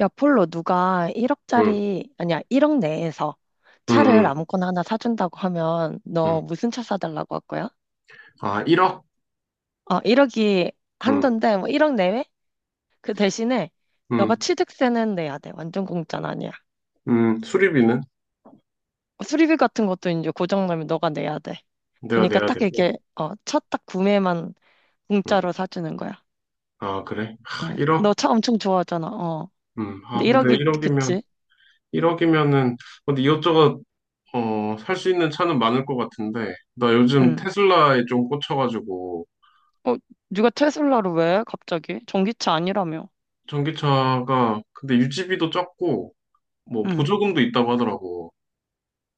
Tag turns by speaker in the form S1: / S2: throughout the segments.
S1: 야, 폴로, 누가
S2: 응,
S1: 1억짜리, 아니야, 1억 내에서
S2: 응,
S1: 차를
S2: 응,
S1: 아무거나 하나 사준다고 하면
S2: 응.
S1: 너 무슨 차 사달라고 할 거야?
S2: 아, 1억?
S1: 1억이
S2: 응,
S1: 한돈데, 뭐 1억 내외? 그 대신에 너가
S2: 응,
S1: 취득세는 내야 돼. 완전 공짜는 아니야.
S2: 응. 수리비는
S1: 뭐 수리비 같은 것도 이제 고장나면 너가 내야 돼.
S2: 내가
S1: 그러니까
S2: 내야
S1: 딱
S2: 되고.
S1: 이게, 첫 딱 구매만
S2: 응.
S1: 공짜로 사주는 거야.
S2: 아, 그래? 하,
S1: 응.
S2: 1억?
S1: 너차 엄청 좋아하잖아. 어.
S2: 응. 아,
S1: 근데
S2: 근데
S1: 1억이,
S2: 1억이면,
S1: 그치?
S2: 1억이면은, 근데 이것저것, 어, 살 수 있는 차는 많을 것 같은데, 나 요즘
S1: 응.
S2: 테슬라에 좀 꽂혀가지고,
S1: 어, 누가 테슬라를 왜? 갑자기? 전기차 아니라며.
S2: 전기차가, 근데 유지비도 적고, 뭐,
S1: 응.
S2: 보조금도 있다고 하더라고.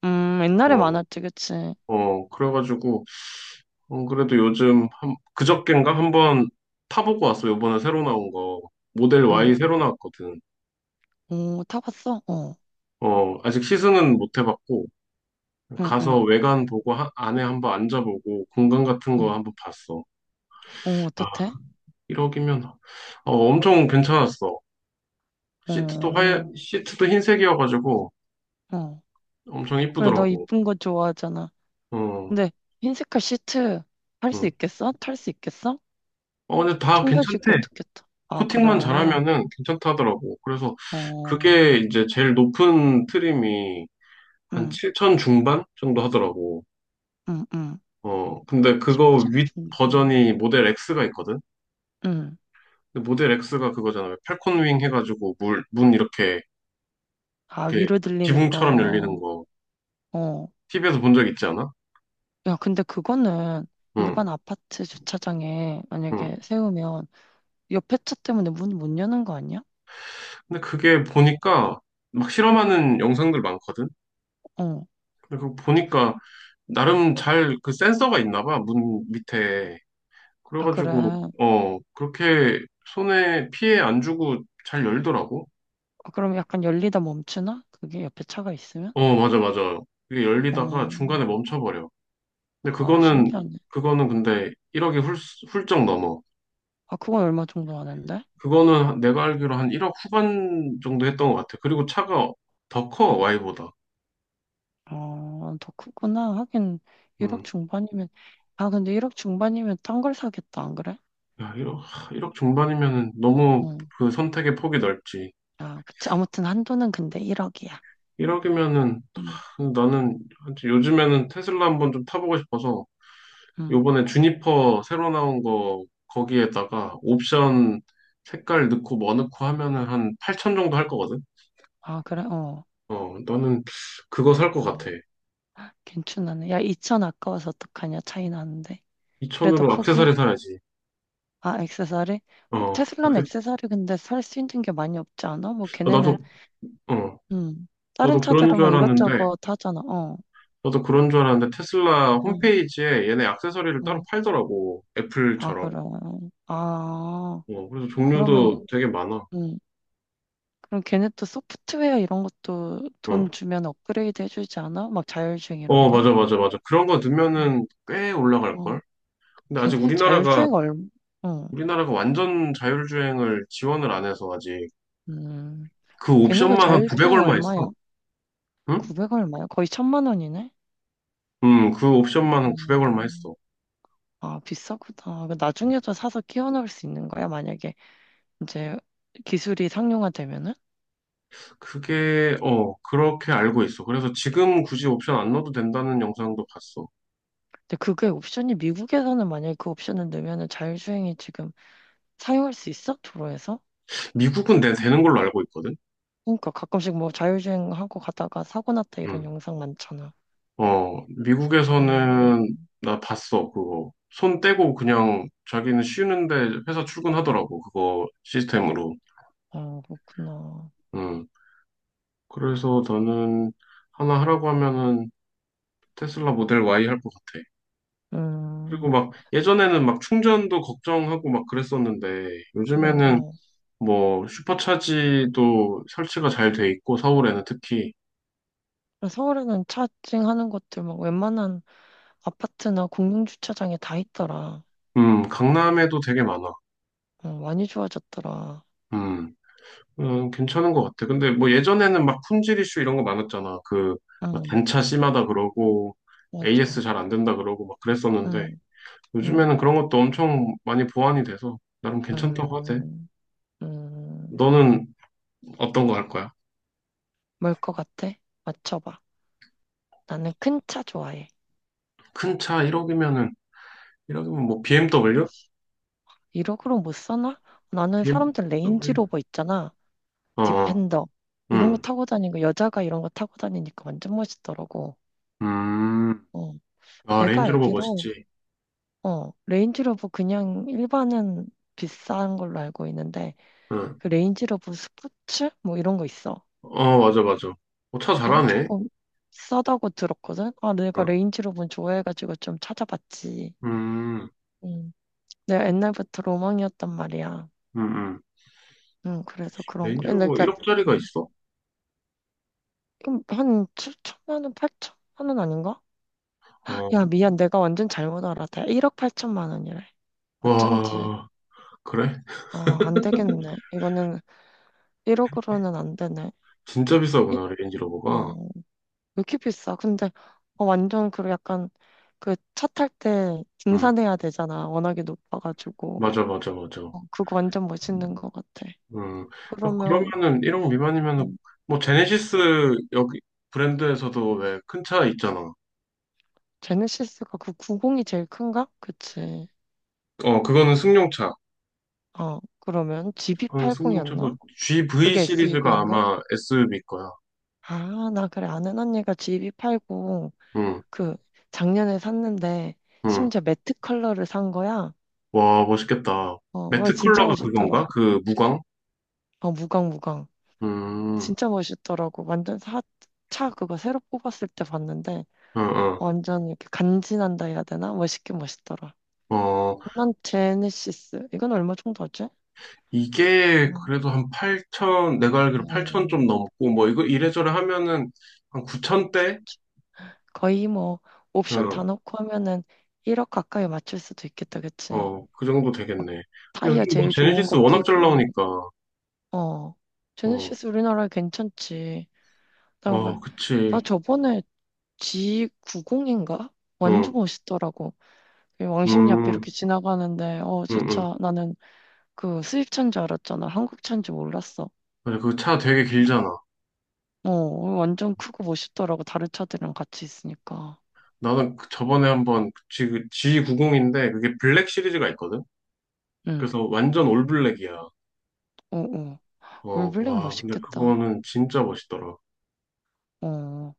S1: 옛날에
S2: 어,
S1: 많았지, 그치?
S2: 어, 그래가지고, 그래도 요즘 한, 그저껜가 한번 타보고 왔어. 요번에 새로 나온 거. 모델
S1: 응.
S2: Y 새로 나왔거든.
S1: 오, 타봤어? 어.
S2: 어, 아직 시승은 못 해봤고,
S1: 응,
S2: 가서
S1: 응.
S2: 외관 보고 안에 한번 앉아보고, 공간 같은 거
S1: 응.
S2: 한번 봤어.
S1: 어,
S2: 아,
S1: 어떻대?
S2: 1억이면, 엄청 괜찮았어. 시트도
S1: 어,
S2: 하 시트도 흰색이어가지고,
S1: 어.
S2: 엄청
S1: 그래, 너
S2: 이쁘더라고.
S1: 이쁜 거 좋아하잖아.
S2: 어,
S1: 근데 흰색깔 시트 탈 수
S2: 음.
S1: 있겠어? 탈 수 있겠어?
S2: 어, 근데 다
S1: 청바지 입고
S2: 괜찮대.
S1: 어떻게 타? 아, 그래.
S2: 코팅만 잘하면은 괜찮다더라고. 그래서
S1: 어,
S2: 그게 이제 제일 높은 트림이 한
S1: 응,
S2: 7천 중반 정도 하더라고.
S1: 응, 응.
S2: 어, 근데 그거
S1: 7천
S2: 윗
S1: 중반.
S2: 버전이 모델 X가 있거든?
S1: 응.
S2: 근데 모델 X가 그거잖아. 왜 팔콘윙 해가지고 문 이렇게,
S1: 아,
S2: 이렇게
S1: 위로 들리는
S2: 지붕처럼 열리는
S1: 거.
S2: 거.
S1: 어.
S2: TV에서 본 적 있지 않아?
S1: 야, 근데 그거는
S2: 응,
S1: 일반 아파트 주차장에
S2: 응.
S1: 만약에 세우면 옆에 차 때문에 문 못 여는 거 아니야?
S2: 근데 그게 보니까 막 실험하는 영상들 많거든?
S1: 어.
S2: 근데 그거 보니까 나름 잘 그 센서가 있나 봐, 문 밑에.
S1: 아, 그래.
S2: 그래가지고,
S1: 아,
S2: 어, 그렇게 손에 피해 안 주고 잘 열더라고.
S1: 그럼 약간 열리다 멈추나? 그게 옆에 차가 있으면?
S2: 어, 맞아, 맞아. 그게 열리다가
S1: 어.
S2: 중간에 멈춰버려. 근데
S1: 아,
S2: 그거는,
S1: 신기하네.
S2: 그거는 근데 1억이 훌쩍 넘어.
S1: 아, 그건 얼마 정도 하는데?
S2: 그거는 내가 알기로 한 1억 후반 정도 했던 것 같아. 그리고 차가 더 커, Y보다.
S1: 더 크구나. 하긴, 1억
S2: 음.
S1: 중반이면, 아, 근데 1억 중반이면 딴 걸 사겠다, 안 그래?
S2: 야, 일억 중반이면은 너무
S1: 응.
S2: 그 선택의 폭이 넓지.
S1: 아, 그치. 아무튼 한도는 근데 1억이야.
S2: 1억이면은
S1: 응,
S2: 나는 사실 요즘에는 테슬라 한번 좀 타보고 싶어서
S1: 응.
S2: 요번에 주니퍼 새로 나온 거 거기에다가 옵션 색깔 넣고 뭐 넣고 하면은 한 8천 정도 할 거거든.
S1: 아, 그래? 어,
S2: 어, 나는 그거 살 것
S1: 어.
S2: 같아.
S1: 괜찮네. 야, 2천 아까워서 어떡하냐, 차이 나는데. 그래도
S2: 2천으로 액세서리
S1: 포기?
S2: 사야지.
S1: 아, 액세서리?
S2: 어,
S1: 테슬라는
S2: 그래?
S1: 액세서리 근데 살 수 있는 게 많이 없지 않아? 뭐,
S2: 아, 나도,
S1: 걔네는
S2: 어,
S1: 음. 다른
S2: 나도 그런
S1: 카드를
S2: 줄
S1: 막
S2: 알았는데,
S1: 이것저것 하잖아. 어,
S2: 테슬라
S1: 응,
S2: 홈페이지에 얘네 액세서리를 따로
S1: 어.
S2: 팔더라고.
S1: 아,
S2: 애플처럼.
S1: 그래. 아,
S2: 어, 그래서
S1: 그러면,
S2: 종류도 되게 많아.
S1: 음. 그럼 걔네 또 소프트웨어 이런 것도
S2: 어,
S1: 돈 주면 업그레이드 해주지 않아? 막 자율주행 이런
S2: 어,
S1: 거?
S2: 맞아, 맞아, 맞아. 그런 거
S1: 음.
S2: 넣으면은 꽤
S1: 어,
S2: 올라갈걸? 근데 아직
S1: 걔네
S2: 우리나라가,
S1: 자율주행 얼, 어,
S2: 우리나라가 완전 자율주행을 지원을 안 해서 아직
S1: 음.
S2: 그
S1: 걔네가
S2: 옵션만 한 900
S1: 자율주행
S2: 얼마 있어.
S1: 얼마야?
S2: 응?
S1: 900 얼마야? 거의 천만 원이네?
S2: 그 옵션만 한 900 얼마
S1: 음.
S2: 했어.
S1: 아, 비싸구나. 그 나중에도 사서 끼워 넣을 수 있는 거야? 만약에 이제 기술이 상용화되면은?
S2: 그게, 어, 그렇게 알고 있어. 그래서 지금 굳이 옵션 안 넣어도 된다는 영상도 봤어.
S1: 근데 그게 옵션이 미국에서는 만약에 그 옵션을 넣으면은 자율주행이 지금 사용할 수 있어? 도로에서?
S2: 미국은 되는 걸로 알고 있거든?
S1: 그러니까 가끔씩 뭐 자율주행하고 가다가 사고 났다 이런
S2: 응.
S1: 영상 많잖아.
S2: 어, 미국에서는
S1: 음,
S2: 나 봤어, 그거. 손 떼고 그냥 자기는 쉬는데 회사 출근하더라고, 그거 시스템으로.
S1: 아, 그렇구나.
S2: 응. 그래서 너는 하나 하라고 하면은 테슬라 모델 Y 할 것 같아.
S1: 음,
S2: 그리고 막 예전에는 막 충전도 걱정하고 막 그랬었는데
S1: 그래,
S2: 요즘에는
S1: 어.
S2: 뭐 슈퍼차지도 설치가 잘 돼 있고 서울에는 특히
S1: 그래, 서울에는 차징하는 것들 막 웬만한 아파트나 공용주차장에 다 있더라.
S2: 강남에도 되게 많아.
S1: 어, 많이 좋아졌더라.
S2: 음, 괜찮은 것 같아. 근데 뭐 예전에는 막 품질 이슈 이런 거 많았잖아. 그막
S1: 음,
S2: 단차 심하다 그러고 AS
S1: 맞아.
S2: 잘 안 된다 그러고 막 그랬었는데
S1: 음, 음,
S2: 요즘에는 그런 것도 엄청 많이 보완이 돼서 나름 괜찮다고 하대.
S1: 음, 음.
S2: 너는 어떤 거 할 거야?
S1: 뭘 것 같아? 맞춰봐. 나는 큰 차 좋아해.
S2: 큰 차 1억이면 뭐 BMW?
S1: 이러으로 못 사나? 나는 사람들
S2: BMW?
S1: 레인지로버 있잖아.
S2: 어, 어,
S1: 디펜더. 이런 거
S2: 응.
S1: 타고 다니고, 여자가 이런 거 타고 다니니까 완전 멋있더라고.
S2: 음.
S1: 어.
S2: 아,
S1: 내가
S2: 레인지로버
S1: 알기로,
S2: 멋있지.
S1: 어, 레인지로버 그냥 일반은 비싼 걸로 알고 있는데,
S2: 응.
S1: 그 레인지로버 스포츠? 뭐 이런 거 있어.
S2: 어, 맞아, 맞아. 어, 차
S1: 이거
S2: 잘하네.
S1: 조금 비싸다고 들었거든? 아, 내가
S2: 어,
S1: 레인지로버 좋아해가지고 좀 찾아봤지.
S2: 음,
S1: 음. 내가 옛날부터 로망이었단 말이야.
S2: 음, 음.
S1: 그래서 그런 거.
S2: 레인지로버
S1: 그러니까
S2: 1억짜리가
S1: 음,
S2: 있어?
S1: 그럼 한 7천만 원, 8천만 원 아닌가?
S2: 어,
S1: 야, 미안. 내가 완전 잘못 알았다. 1억 8천만 원이래. 어쩐지.
S2: 와, 그래?
S1: 어, 안 되겠네. 이거는 1억으로는 안 되네.
S2: 진짜
S1: 일-
S2: 비싸구나, 레인지로버가.
S1: 어, 왜 이렇게 비싸? 근데 어, 완전 그 약간 그 차 탈 때
S2: 음,
S1: 등산해야 되잖아. 워낙에 높아가지고.
S2: 맞아, 맞아, 맞아.
S1: 어, 그거 완전 멋있는 것 같아.
S2: 음, 어,
S1: 그러면
S2: 그러면은 1억 미만이면은,
S1: 음,
S2: 뭐, 제네시스 여기 브랜드에서도 왜 큰 차 있잖아.
S1: 제네시스가 그 90이 제일 큰가? 그치.
S2: 어, 그거는 승용차.
S1: 어, 그러면
S2: 그건
S1: GB80이었나?
S2: 승용차고, GV
S1: 그게
S2: 시리즈가
S1: SUV인가?
S2: 아마 SUV 거야.
S1: 아, 나 그래. 아는 언니가 GV80
S2: 응
S1: 그 작년에 샀는데
S2: 응
S1: 심지어 매트 컬러를 산 거야.
S2: 와, 멋있겠다.
S1: 어, 어,
S2: 매트
S1: 진짜
S2: 컬러가
S1: 멋있더라고.
S2: 그건가? 그 무광?
S1: 어, 무광, 무광.
S2: 음,
S1: 진짜 멋있더라고. 차 그거 새로 뽑았을 때 봤는데
S2: 응응
S1: 완전 이렇게 간지난다 해야 되나? 멋있긴 멋있더라.
S2: 어,
S1: 그 제네시스. 이건 얼마 정도 하지?
S2: 이게
S1: 음,
S2: 그래도 한 8천, 내가 알기로 8천 좀
S1: 음,
S2: 넘고, 뭐, 이거 이래저래 하면은 한 9천대?
S1: 거의 뭐 옵션 다
S2: 어,
S1: 넣고 하면은 1억 가까이 맞출 수도 있겠다, 그치?
S2: 어, 그 정도 되겠네. 근데
S1: 타이어
S2: 요즘 뭐,
S1: 제일 좋은
S2: 제네시스
S1: 거
S2: 워낙 잘
S1: 끼고
S2: 나오니까,
S1: 어.
S2: 어,
S1: 제네시스 우리나라에 괜찮지. 그다음에
S2: 어,
S1: 나
S2: 그치.
S1: 저번에 G90인가? 완전
S2: 응,
S1: 멋있더라고. 그 왕십리 앞에 이렇게
S2: 음,
S1: 지나가는데, 어, 저
S2: 음, 음.
S1: 차, 나는 그 수입차인 줄 알았잖아. 한국차인 줄 몰랐어.
S2: 맞아, 그 차 되게 길잖아.
S1: 어, 완전 크고 멋있더라고. 다른 차들이랑 같이 있으니까.
S2: 나는 그 저번에 한번, 그치, 그 G90인데, 그게 블랙 시리즈가 있거든?
S1: 응,
S2: 그래서 완전 올블랙이야.
S1: 어, 어.
S2: 어,
S1: 올블랙
S2: 와, 근데
S1: 멋있겠다.
S2: 그거는 진짜 멋있더라.
S1: 어.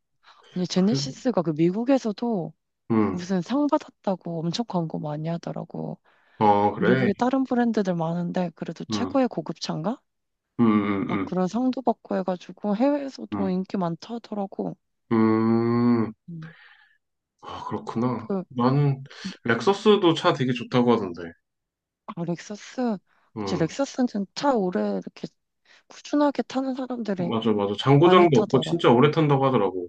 S1: 아니,
S2: 그래?
S1: 제네시스가 그 미국에서도
S2: 응,
S1: 무슨 상 받았다고 엄청 광고 많이 하더라고.
S2: 어, 그래.
S1: 미국에 다른 브랜드들 많은데 그래도
S2: 응,
S1: 최고의 고급차인가?
S2: 응, 응,
S1: 막
S2: 응.
S1: 그런 상도 받고 해가지고 해외에서도
S2: 음,
S1: 인기 많다더라고.
S2: 음,
S1: 음.
S2: 아, 그렇구나.
S1: 그
S2: 나는 렉서스도 차 되게 좋다고 하던데.
S1: 아, 렉서스 그치
S2: 음,
S1: 렉서스는 차 오래 이렇게 꾸준하게 타는 사람들이
S2: 맞아, 맞아.
S1: 많이
S2: 장고장도 없고
S1: 타더라.
S2: 진짜 오래 탄다고 하더라고.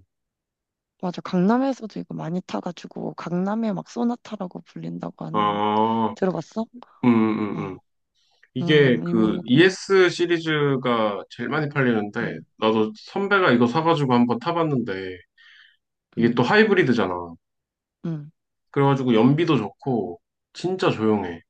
S1: 맞아 강남에서도 이거 많이 타가지고 강남의 막 소나타라고 불린다고 한
S2: 아,
S1: 들어봤어?
S2: 음, 음,
S1: 어,
S2: 음. 이게 그
S1: 유명하구만.
S2: ES 시리즈가 제일 많이 팔리는데,
S1: 응,
S2: 나도 선배가 이거 사가지고 한번 타봤는데, 이게
S1: 응,
S2: 또 하이브리드잖아.
S1: 응.
S2: 그래가지고 연비도 좋고, 진짜 조용해.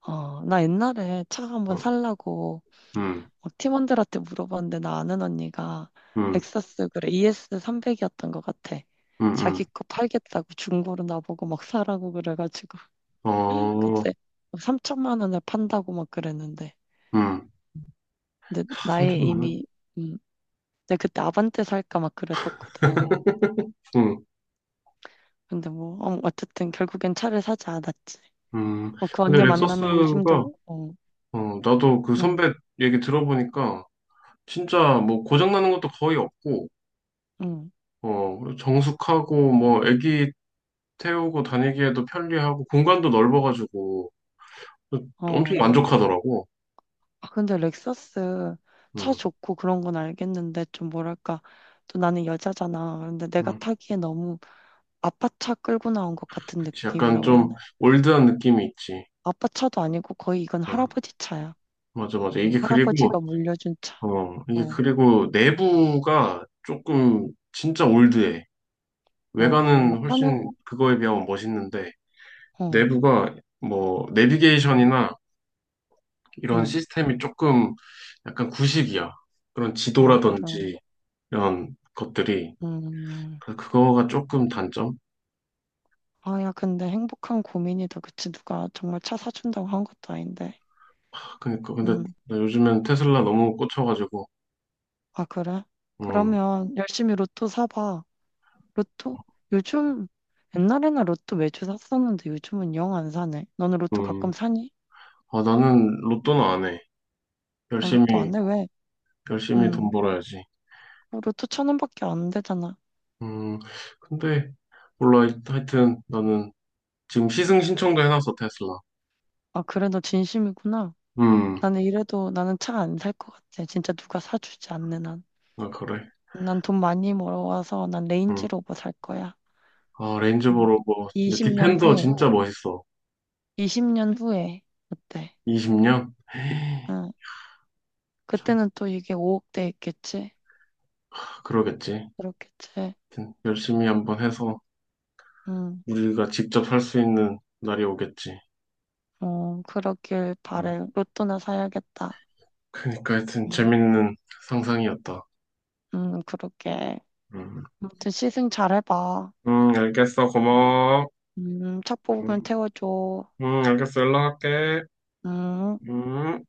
S1: 어, 나 옛날에 차
S2: 어,
S1: 한번 살라고
S2: 음,
S1: 어, 팀원들한테 물어봤는데 나 아는 언니가
S2: 음,
S1: 렉서스 그래 ES300이었던 것 같아.
S2: 음,
S1: 자기
S2: 음.
S1: 거 팔겠다고 중고로 나보고 막 사라고 그래가지고
S2: 어,
S1: 그때 막 3천만 원에 판다고 막 그랬는데
S2: 음.
S1: 근데
S2: 다
S1: 나의
S2: 3천만 원?
S1: 이미 음, 내가 그때 아반떼 살까 막 그랬었거든.
S2: 응,
S1: 근데 뭐 어, 어쨌든 결국엔 차를 사지 않았지.
S2: 음.
S1: 어, 그
S2: 근데
S1: 언니 만나면
S2: 렉서스가
S1: 요즘도 어,
S2: 어, 나도 그
S1: 응,
S2: 선배 얘기 들어보니까 진짜 뭐 고장나는 것도 거의 없고,
S1: 응,
S2: 어, 정숙하고 뭐 애기 태우고 다니기에도 편리하고 공간도 넓어가지고 엄청
S1: 어.
S2: 만족하더라고.
S1: 아, 근데 렉서스 차
S2: 응,
S1: 좋고 그런 건 알겠는데 좀 뭐랄까 또 나는 여자잖아. 그런데 내가
S2: 응.
S1: 타기에 너무 아빠 차 끌고 나온 것 같은
S2: 그치. 약간
S1: 느낌이라고 해야 되나?
S2: 좀 올드한 느낌이 있지.
S1: 아빠 차도 아니고 거의 이건
S2: 응,
S1: 할아버지 차야.
S2: 맞아, 맞아.
S1: 어, 할아버지가 물려준 차.
S2: 어, 이게
S1: 어,
S2: 그리고 내부가 조금 진짜 올드해.
S1: 어,
S2: 외관은
S1: 막 화면
S2: 훨씬 그거에 비하면 멋있는데,
S1: 어,
S2: 내부가 뭐, 내비게이션이나 이런
S1: 응.
S2: 시스템이 조금 약간 구식이야. 그런
S1: 아, 그럼.
S2: 지도라든지 이런 것들이.
S1: 음.
S2: 그래서 그거가 조금 단점?
S1: 아, 야, 근데 행복한 고민이다. 그치? 누가 정말 차 사준다고 한 것도 아닌데.
S2: 그러니까 근데
S1: 음.
S2: 나 요즘엔 테슬라 너무 꽂혀가지고
S1: 아, 그래?
S2: 음,
S1: 그러면 열심히 로또 사봐. 로또? 요즘 옛날에는 로또 매주 샀었는데 요즘은 영 안 사네. 너는 로또
S2: 음.
S1: 가끔 사니?
S2: 아 나는 로또는 안 해.
S1: 아,
S2: 열심히
S1: 로또 안 해? 왜?
S2: 열심히 돈
S1: 응.
S2: 벌어야지.
S1: 어, 로또 천 원밖에 안 되잖아.
S2: 음, 근데 몰라 하여튼 나는 지금 시승 신청도 해놨어 테슬라.
S1: 아, 그래, 너 진심이구나.
S2: 음,
S1: 나는 이래도 나는 차 안 살 것 같아. 진짜 누가 사주지 않는 한.
S2: 아 그래.
S1: 난 돈 많이 벌어와서 난 레인지
S2: 음.
S1: 로버 살 거야.
S2: 아
S1: 응.
S2: 레인지보로 뭐 진짜
S1: 20년
S2: 디펜더
S1: 후에.
S2: 진짜 멋있어.
S1: 20년 후에. 어때?
S2: 20년?
S1: 응.
S2: 참
S1: 그때는 또 이게 5억대 있겠지?
S2: 아, 그러겠지.
S1: 그렇겠지?
S2: 하여튼 열심히 한번 해서
S1: 응.
S2: 우리가 직접 할 수 있는 날이 오겠지.
S1: 어, 그러길
S2: 음.
S1: 바래. 로또나 사야겠다.
S2: 그러니까 하여튼
S1: 음,
S2: 재밌는 상상이었다.
S1: 그러게.
S2: 음,
S1: 아무튼 시승 잘해봐.
S2: 알겠어. 고마워.
S1: 차 뽑으면
S2: 음,
S1: 태워줘.
S2: 알겠어. 연락할게.
S1: 음.
S2: 음.